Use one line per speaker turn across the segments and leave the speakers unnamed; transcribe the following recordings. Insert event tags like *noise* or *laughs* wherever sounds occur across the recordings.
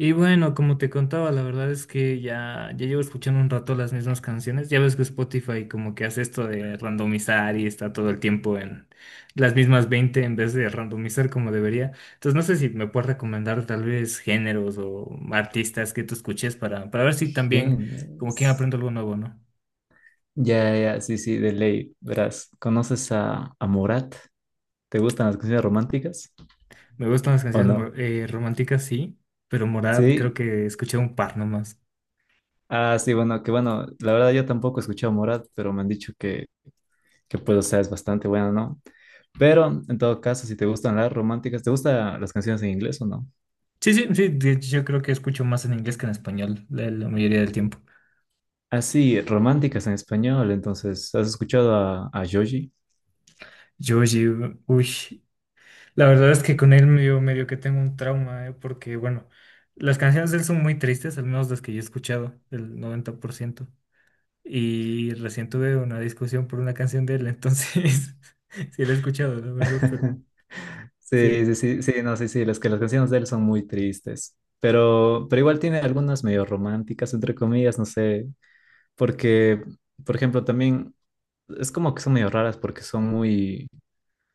Y bueno, como te contaba, la verdad es que ya llevo escuchando un rato las mismas canciones. Ya ves que Spotify como que hace esto de randomizar y está todo el tiempo en las mismas 20 en vez de randomizar como debería. Entonces no sé si me puedes recomendar tal vez géneros o artistas que tú escuches para ver si también como que
Géneros,
aprendo algo nuevo, ¿no?
ya, ya, sí, sí, de ley. Verás, ¿conoces a Morat? ¿Te gustan las canciones románticas
Me gustan las
o
canciones
no?
románticas, sí, pero Morad creo
Sí.
que escuché un par nomás.
Ah, sí, bueno, que bueno, la verdad yo tampoco he escuchado a Morat, pero me han dicho que pues, o sea, es bastante bueno, ¿no? Pero, en todo caso, si te gustan las románticas, ¿te gustan las canciones en inglés o no?
Sí, sí, sí, de hecho, yo creo que escucho más en inglés que en español la mayoría del tiempo.
Ah, sí, románticas en español, entonces, ¿has escuchado a Joji?
Yoshi, uy, la verdad es que con él medio que tengo un trauma, porque bueno, las canciones de él son muy tristes, al menos las que yo he escuchado, el 90%. Y recién tuve una discusión por una canción de él, entonces *laughs* sí la he escuchado, la verdad, pero
*laughs* Sí,
sí,
sí, sí, sí, no, sí, sí, las canciones de él son muy tristes, pero igual tiene algunas medio románticas, entre comillas, no sé, porque, por ejemplo, también es como que son medio raras porque son muy,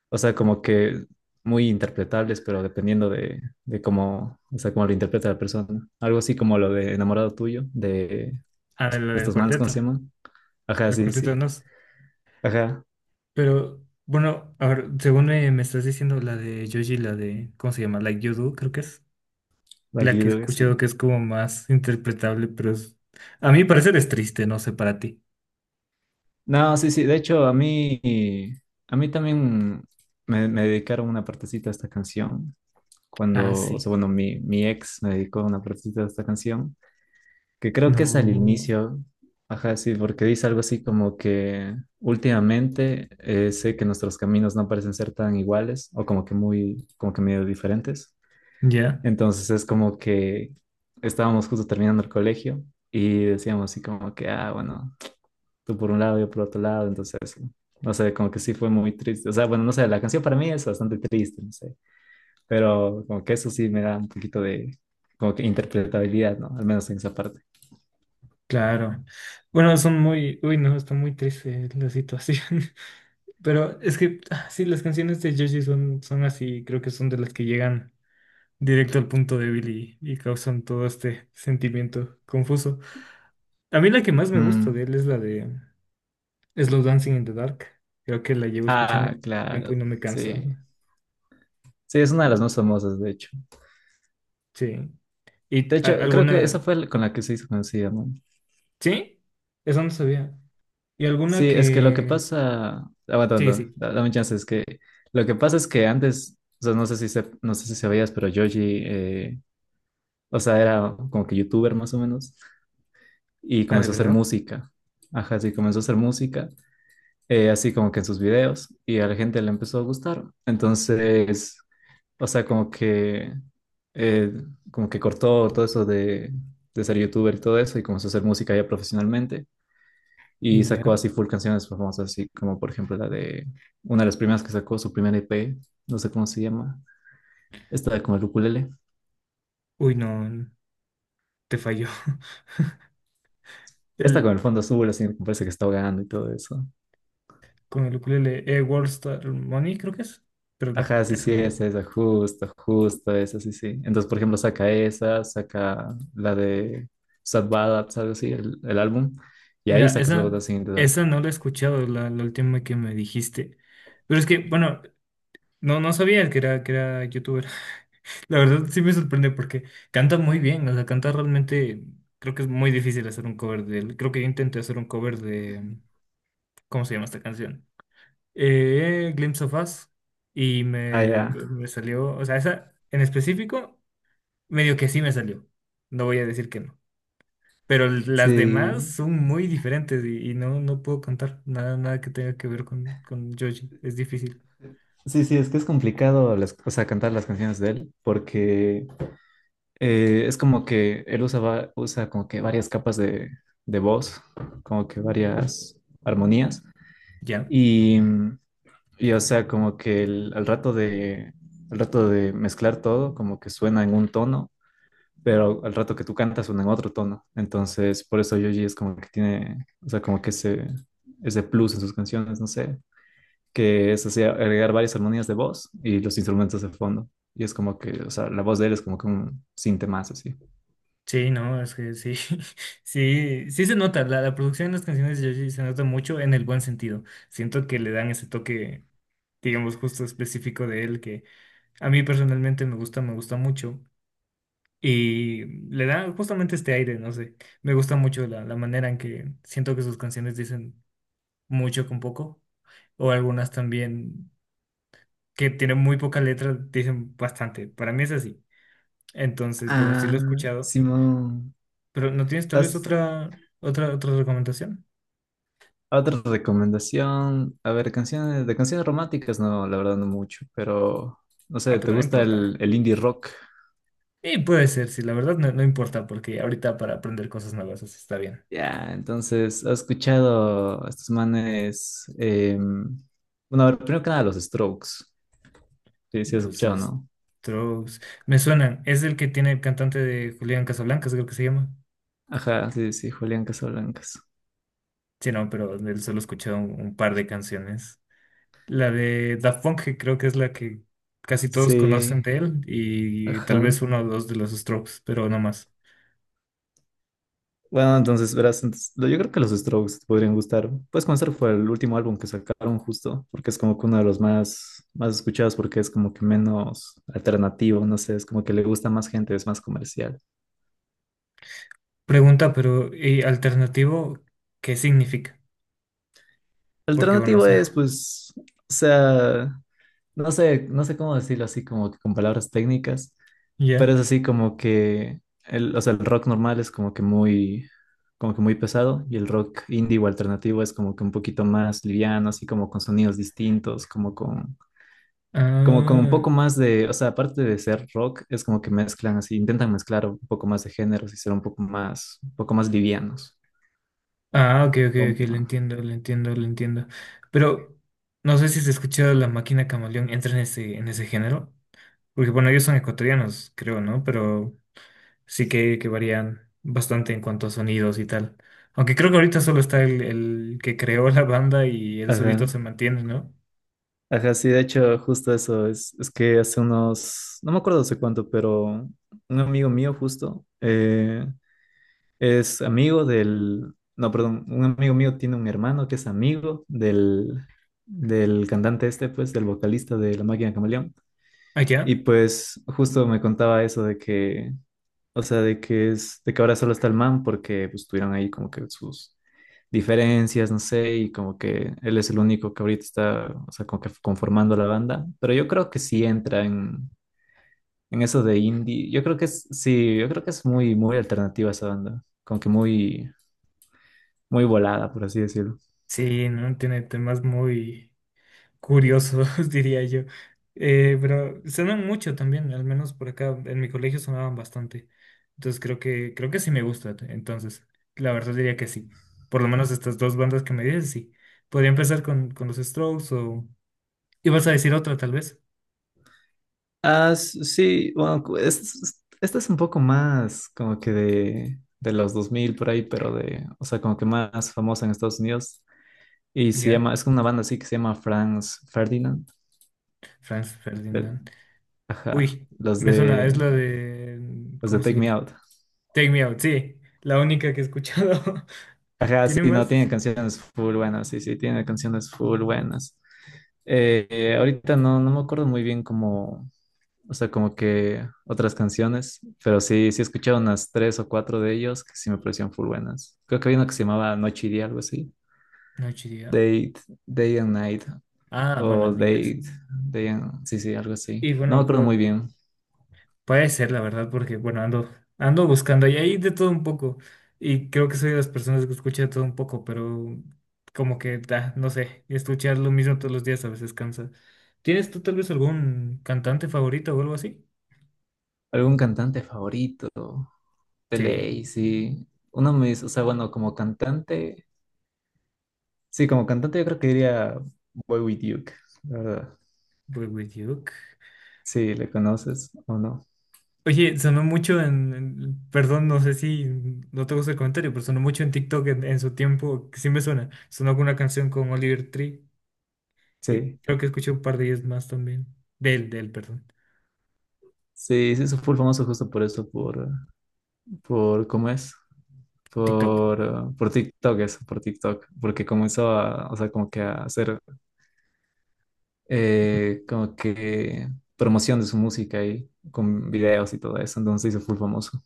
o sea, como que muy interpretables, pero dependiendo de, cómo, o sea, cómo lo interpreta la persona. Algo así como lo de Enamorado Tuyo, de
a ver, la del
estos manes, ¿cómo
cuarteto,
se llaman? Ajá,
el
sí,
cuarteto de
sí,
Nos,
ajá,
pero bueno, a ver, según me estás diciendo, la de Yoshi, la de, ¿cómo se llama? Like You Do, creo que es la
Lucky
que he
Dube,
escuchado
sí.
que es como más interpretable, pero es, a mí parecer es triste, no sé para ti.
No, sí, sí. De hecho, a mí también me, dedicaron una partecita a esta canción.
Ah,
Cuando, o
sí.
sea, bueno, mi, ex me dedicó una partecita a esta canción, que creo que es al
No.
inicio. Ajá, sí, porque dice algo así como que últimamente sé que nuestros caminos no parecen ser tan iguales o como que muy, como que medio diferentes.
Ya,
Entonces es como que estábamos justo terminando el colegio y decíamos así como que, ah, bueno, tú por un lado, yo por otro lado, entonces, no sé, como que sí fue muy triste. O sea, bueno, no sé, la canción para mí es bastante triste, no sé, pero como que eso sí me da un poquito de, como que interpretabilidad, ¿no? Al menos en esa parte.
claro. Bueno, son muy. Uy, no, está muy triste la situación. *laughs* Pero es que ah, sí, las canciones de Joji son, son así. Creo que son de las que llegan directo al punto débil y causan todo este sentimiento confuso. A mí la que más me gusta de
Mm.
él es la de Slow Dancing in the Dark. Creo que la llevo escuchando
Ah,
un tiempo y
claro,
no me cansa.
sí. Sí, es una de
Eh,
las más famosas, de hecho.
Sí. ¿Y
De hecho, creo que esa
alguna?
fue con la que se hizo conocida, ¿no?
¿Sí? Eso no sabía. ¿Y alguna
Sí, es que lo que
que...
pasa, aguanta,
Sí,
aguanta,
sí.
dame chance, es que lo que pasa es que antes, o sea, no sé si se, no sé si sabías, pero Yoji, eh, o sea, era como que youtuber más o menos. Y
Ah, ¿de
comenzó a hacer
verdad?
música. Ajá, sí, comenzó a hacer música, así como que en sus videos, y a la gente le empezó a gustar. Entonces, o sea, eh, como que cortó todo eso de ser youtuber y todo eso, y comenzó a hacer música ya profesionalmente, y
Mm,
sacó
ya.
así full canciones famosas, así como por ejemplo la de una de las primeras que sacó, su primer EP, no sé cómo se llama, esta con el ukulele,
Uy, no, te falló. *laughs*
esta con el
El,
fondo azul, así me parece que está ahogando y todo eso.
con el ukulele, World Star Money, creo que es. Pero no,
Ajá, sí,
esa
sí,
no.
es esa, justo, justo esa, sí, sí. Entonces, por ejemplo, saca esa, saca la de Sad Ballads, algo así, el, álbum, y ahí
Mira,
sacas luego
esa,
Dancing in the Dark.
esa no la he escuchado, la última que me dijiste. Pero es que, bueno, no, no sabía que era youtuber. *laughs* La verdad sí me sorprende porque canta muy bien. O sea, canta realmente. Creo que es muy difícil hacer un cover de él. Creo que yo intenté hacer un cover de. ¿Cómo se llama esta canción? Glimpse of Us y
Ah, ya.
me salió, o sea, esa en específico, medio que sí me salió. No voy a decir que no. Pero las demás
Sí,
son muy diferentes y no, no puedo contar nada, nada que tenga que ver con Joji. Es difícil.
sí, sí, es que es complicado o sea, cantar las canciones de él, porque es como que él usa, usa como que varias capas de voz, como que varias armonías,
¿Ya?
y mm, y o sea, como que al rato de mezclar todo, como que suena en un tono, pero al rato que tú cantas suena en otro tono. Entonces, por eso Yoji es como que tiene, o sea, como que ese plus en sus canciones, no sé, que es así, agregar varias armonías de voz y los instrumentos de fondo. Y es como que, o sea, la voz de él es como que un sinte más así.
Sí, no, es que sí. *laughs* Sí, sí se nota. La producción de las canciones de Joji se nota mucho en el buen sentido. Siento que le dan ese toque, digamos, justo específico de él que a mí personalmente me gusta mucho. Y le da justamente este aire, no sé. Me gusta mucho la, la manera en que siento que sus canciones dicen mucho con poco. O algunas también que tienen muy poca letra, dicen bastante. Para mí es así. Entonces, bueno, sí lo
Ah,
he escuchado.
simón.
Pero ¿no tienes tal vez
Has-
otra, otra, otra recomendación?
Otra recomendación, a ver, canciones, de canciones románticas, no, la verdad no mucho, pero no sé,
Ah,
¿te
pero no
gusta
importa.
el, indie rock?
Y puede ser, sí, la verdad no, no importa, porque ahorita para aprender cosas nuevas así está bien.
Ya, entonces, ¿has escuchado a estos manes? Bueno, a ver, primero que nada, los Strokes. Sí, sí, has
Los
escuchado, ¿no?
Strokes me suenan. Es el que tiene el cantante de Julián Casablancas, creo que se llama.
Ajá, sí, sí, Julián Casablancas.
Sí, no, pero de él solo he escuchado un par de canciones. La de Daft Punk, que creo que es la que casi todos
Sí,
conocen de él, y tal vez
ajá.
uno o dos de los Strokes, pero no más.
Bueno, entonces, verás, entonces, yo creo que los Strokes te podrían gustar. Puedes comenzar por el último álbum que sacaron justo, porque es como que uno de los más, más escuchados, porque es como que menos alternativo, no sé, es como que le gusta más gente, es más comercial.
Pregunta, pero ¿y alternativo qué significa? Porque bueno, o
Alternativo es,
sea,
pues, o sea, no sé, no sé cómo decirlo así, como que con palabras técnicas,
*laughs* ya.
pero es así como que, el, o sea, el rock normal es como que muy pesado y el rock indie o alternativo es como que un poquito más liviano, así como con sonidos distintos, como con, como, como un
Ah,
poco más de, o sea, aparte de ser rock, es como que mezclan así, intentan mezclar un poco más de géneros y ser un poco más livianos.
ah, ok, ok, ok, lo
Como-
entiendo, lo entiendo, lo entiendo. Pero no sé si has escuchado La Máquina Camaleón, entra en ese género. Porque bueno, ellos son ecuatorianos, creo, ¿no? Pero sí que varían bastante en cuanto a sonidos y tal. Aunque creo que ahorita solo está el que creó la banda y él solito se
Ajá,
mantiene, ¿no?
ajá, sí, de hecho, justo eso, es que hace unos, no me acuerdo hace cuánto, pero un amigo mío justo es amigo del, no, perdón, un amigo mío tiene un hermano que es amigo del, del cantante este, pues, del vocalista de La Máquina Camaleón. Y
Allá.
pues justo me contaba eso de que, o sea, de que es, de que ahora solo está el man porque pues, tuvieron ahí como que sus diferencias, no sé, y como que él es el único que ahorita está, o sea, como que conformando la banda. Pero yo creo que sí entra en eso de indie. Yo creo que es, sí, yo creo que es muy, muy alternativa esa banda. Como que muy, muy volada, por así decirlo.
Sí, ¿no? Tiene temas muy curiosos, *laughs* diría yo. Pero sonan mucho también, al menos por acá. En mi colegio sonaban bastante. Entonces creo que sí me gusta. Entonces, la verdad diría que sí. Por lo menos estas dos bandas que me dices, sí. Podría empezar con los Strokes o... ¿Ibas a decir otra, tal vez?
Ah, sí, bueno, esta es un poco más como que de los 2000 por ahí, pero de, o sea, como que más famosa en Estados Unidos. Y se
¿Ya?
llama, es una banda así que se llama Franz Ferdinand.
Franz
de-
Ferdinand.
Ajá,
Uy, me suena, es la de,
los de
¿cómo se
Take Me
llama?
Out.
Take Me Out, sí, la única que he escuchado. *laughs*
Ajá, sí,
¿Tiene
no,
más?
tiene canciones full buenas, sí, sí, tiene canciones full buenas. Ahorita no, no me acuerdo muy bien como, o sea, como que otras canciones, pero sí, sí he escuchado unas tres o cuatro de ellos que sí me parecían full buenas. Creo que había una que se llamaba Noche y Día, algo así.
Noche y día.
Date Day and Night,
Ah, bueno,
o
en inglés.
date Day and, sí, sí, algo así.
Y
No me
bueno,
acuerdo muy bien.
puede ser, la verdad, porque bueno, ando, ando buscando y hay de todo un poco. Y creo que soy de las personas que escucha de todo un poco, pero como que da, no sé, escuchar lo mismo todos los días a veces cansa. ¿Tienes tú tal vez algún cantante favorito o algo así?
¿Algún cantante favorito? De
Sí,
ley, sí. Uno me dice, o sea, bueno, como cantante, sí, como cantante yo creo que diría Boy With Duke, la verdad.
Boy With You.
Sí, ¿le conoces o no?
Oye, sonó mucho en, perdón, no sé si no te gusta el comentario, pero sonó mucho en TikTok en su tiempo, que sí me suena. Sonó con una canción con Oliver Tree.
Sí.
Creo que escuché un par de ellos más también. De él, perdón.
Sí, sí, se fue famoso justo por eso, por, ¿cómo es?
TikTok.
Por TikTok, eso, por TikTok, porque comenzó a, o sea, como que a hacer, como que promoción de su música y con videos y todo eso, entonces se hizo full famoso.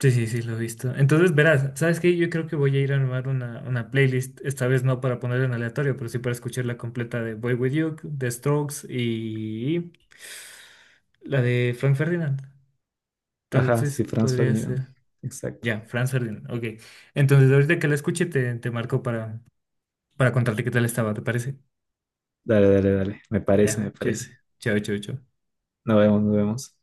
Sí, sí, sí, lo he visto. Entonces, verás, ¿sabes qué? Yo creo que voy a ir a armar una playlist, esta vez no para ponerla en aleatorio, pero sí para escuchar la completa de Boy With You, de Strokes y la de Frank Ferdinand. Tal
Ajá,
vez
sí, Franz
podría
Ferdinand,
ser.
exacto.
Ya, Franz Ferdinand, ok. Entonces, ahorita que la escuche, te marco para contarte qué tal estaba, ¿te parece?
Dale, dale, dale, me parece, me
Ya, chao,
parece.
chao, chao. Chao.
Nos vemos, nos vemos.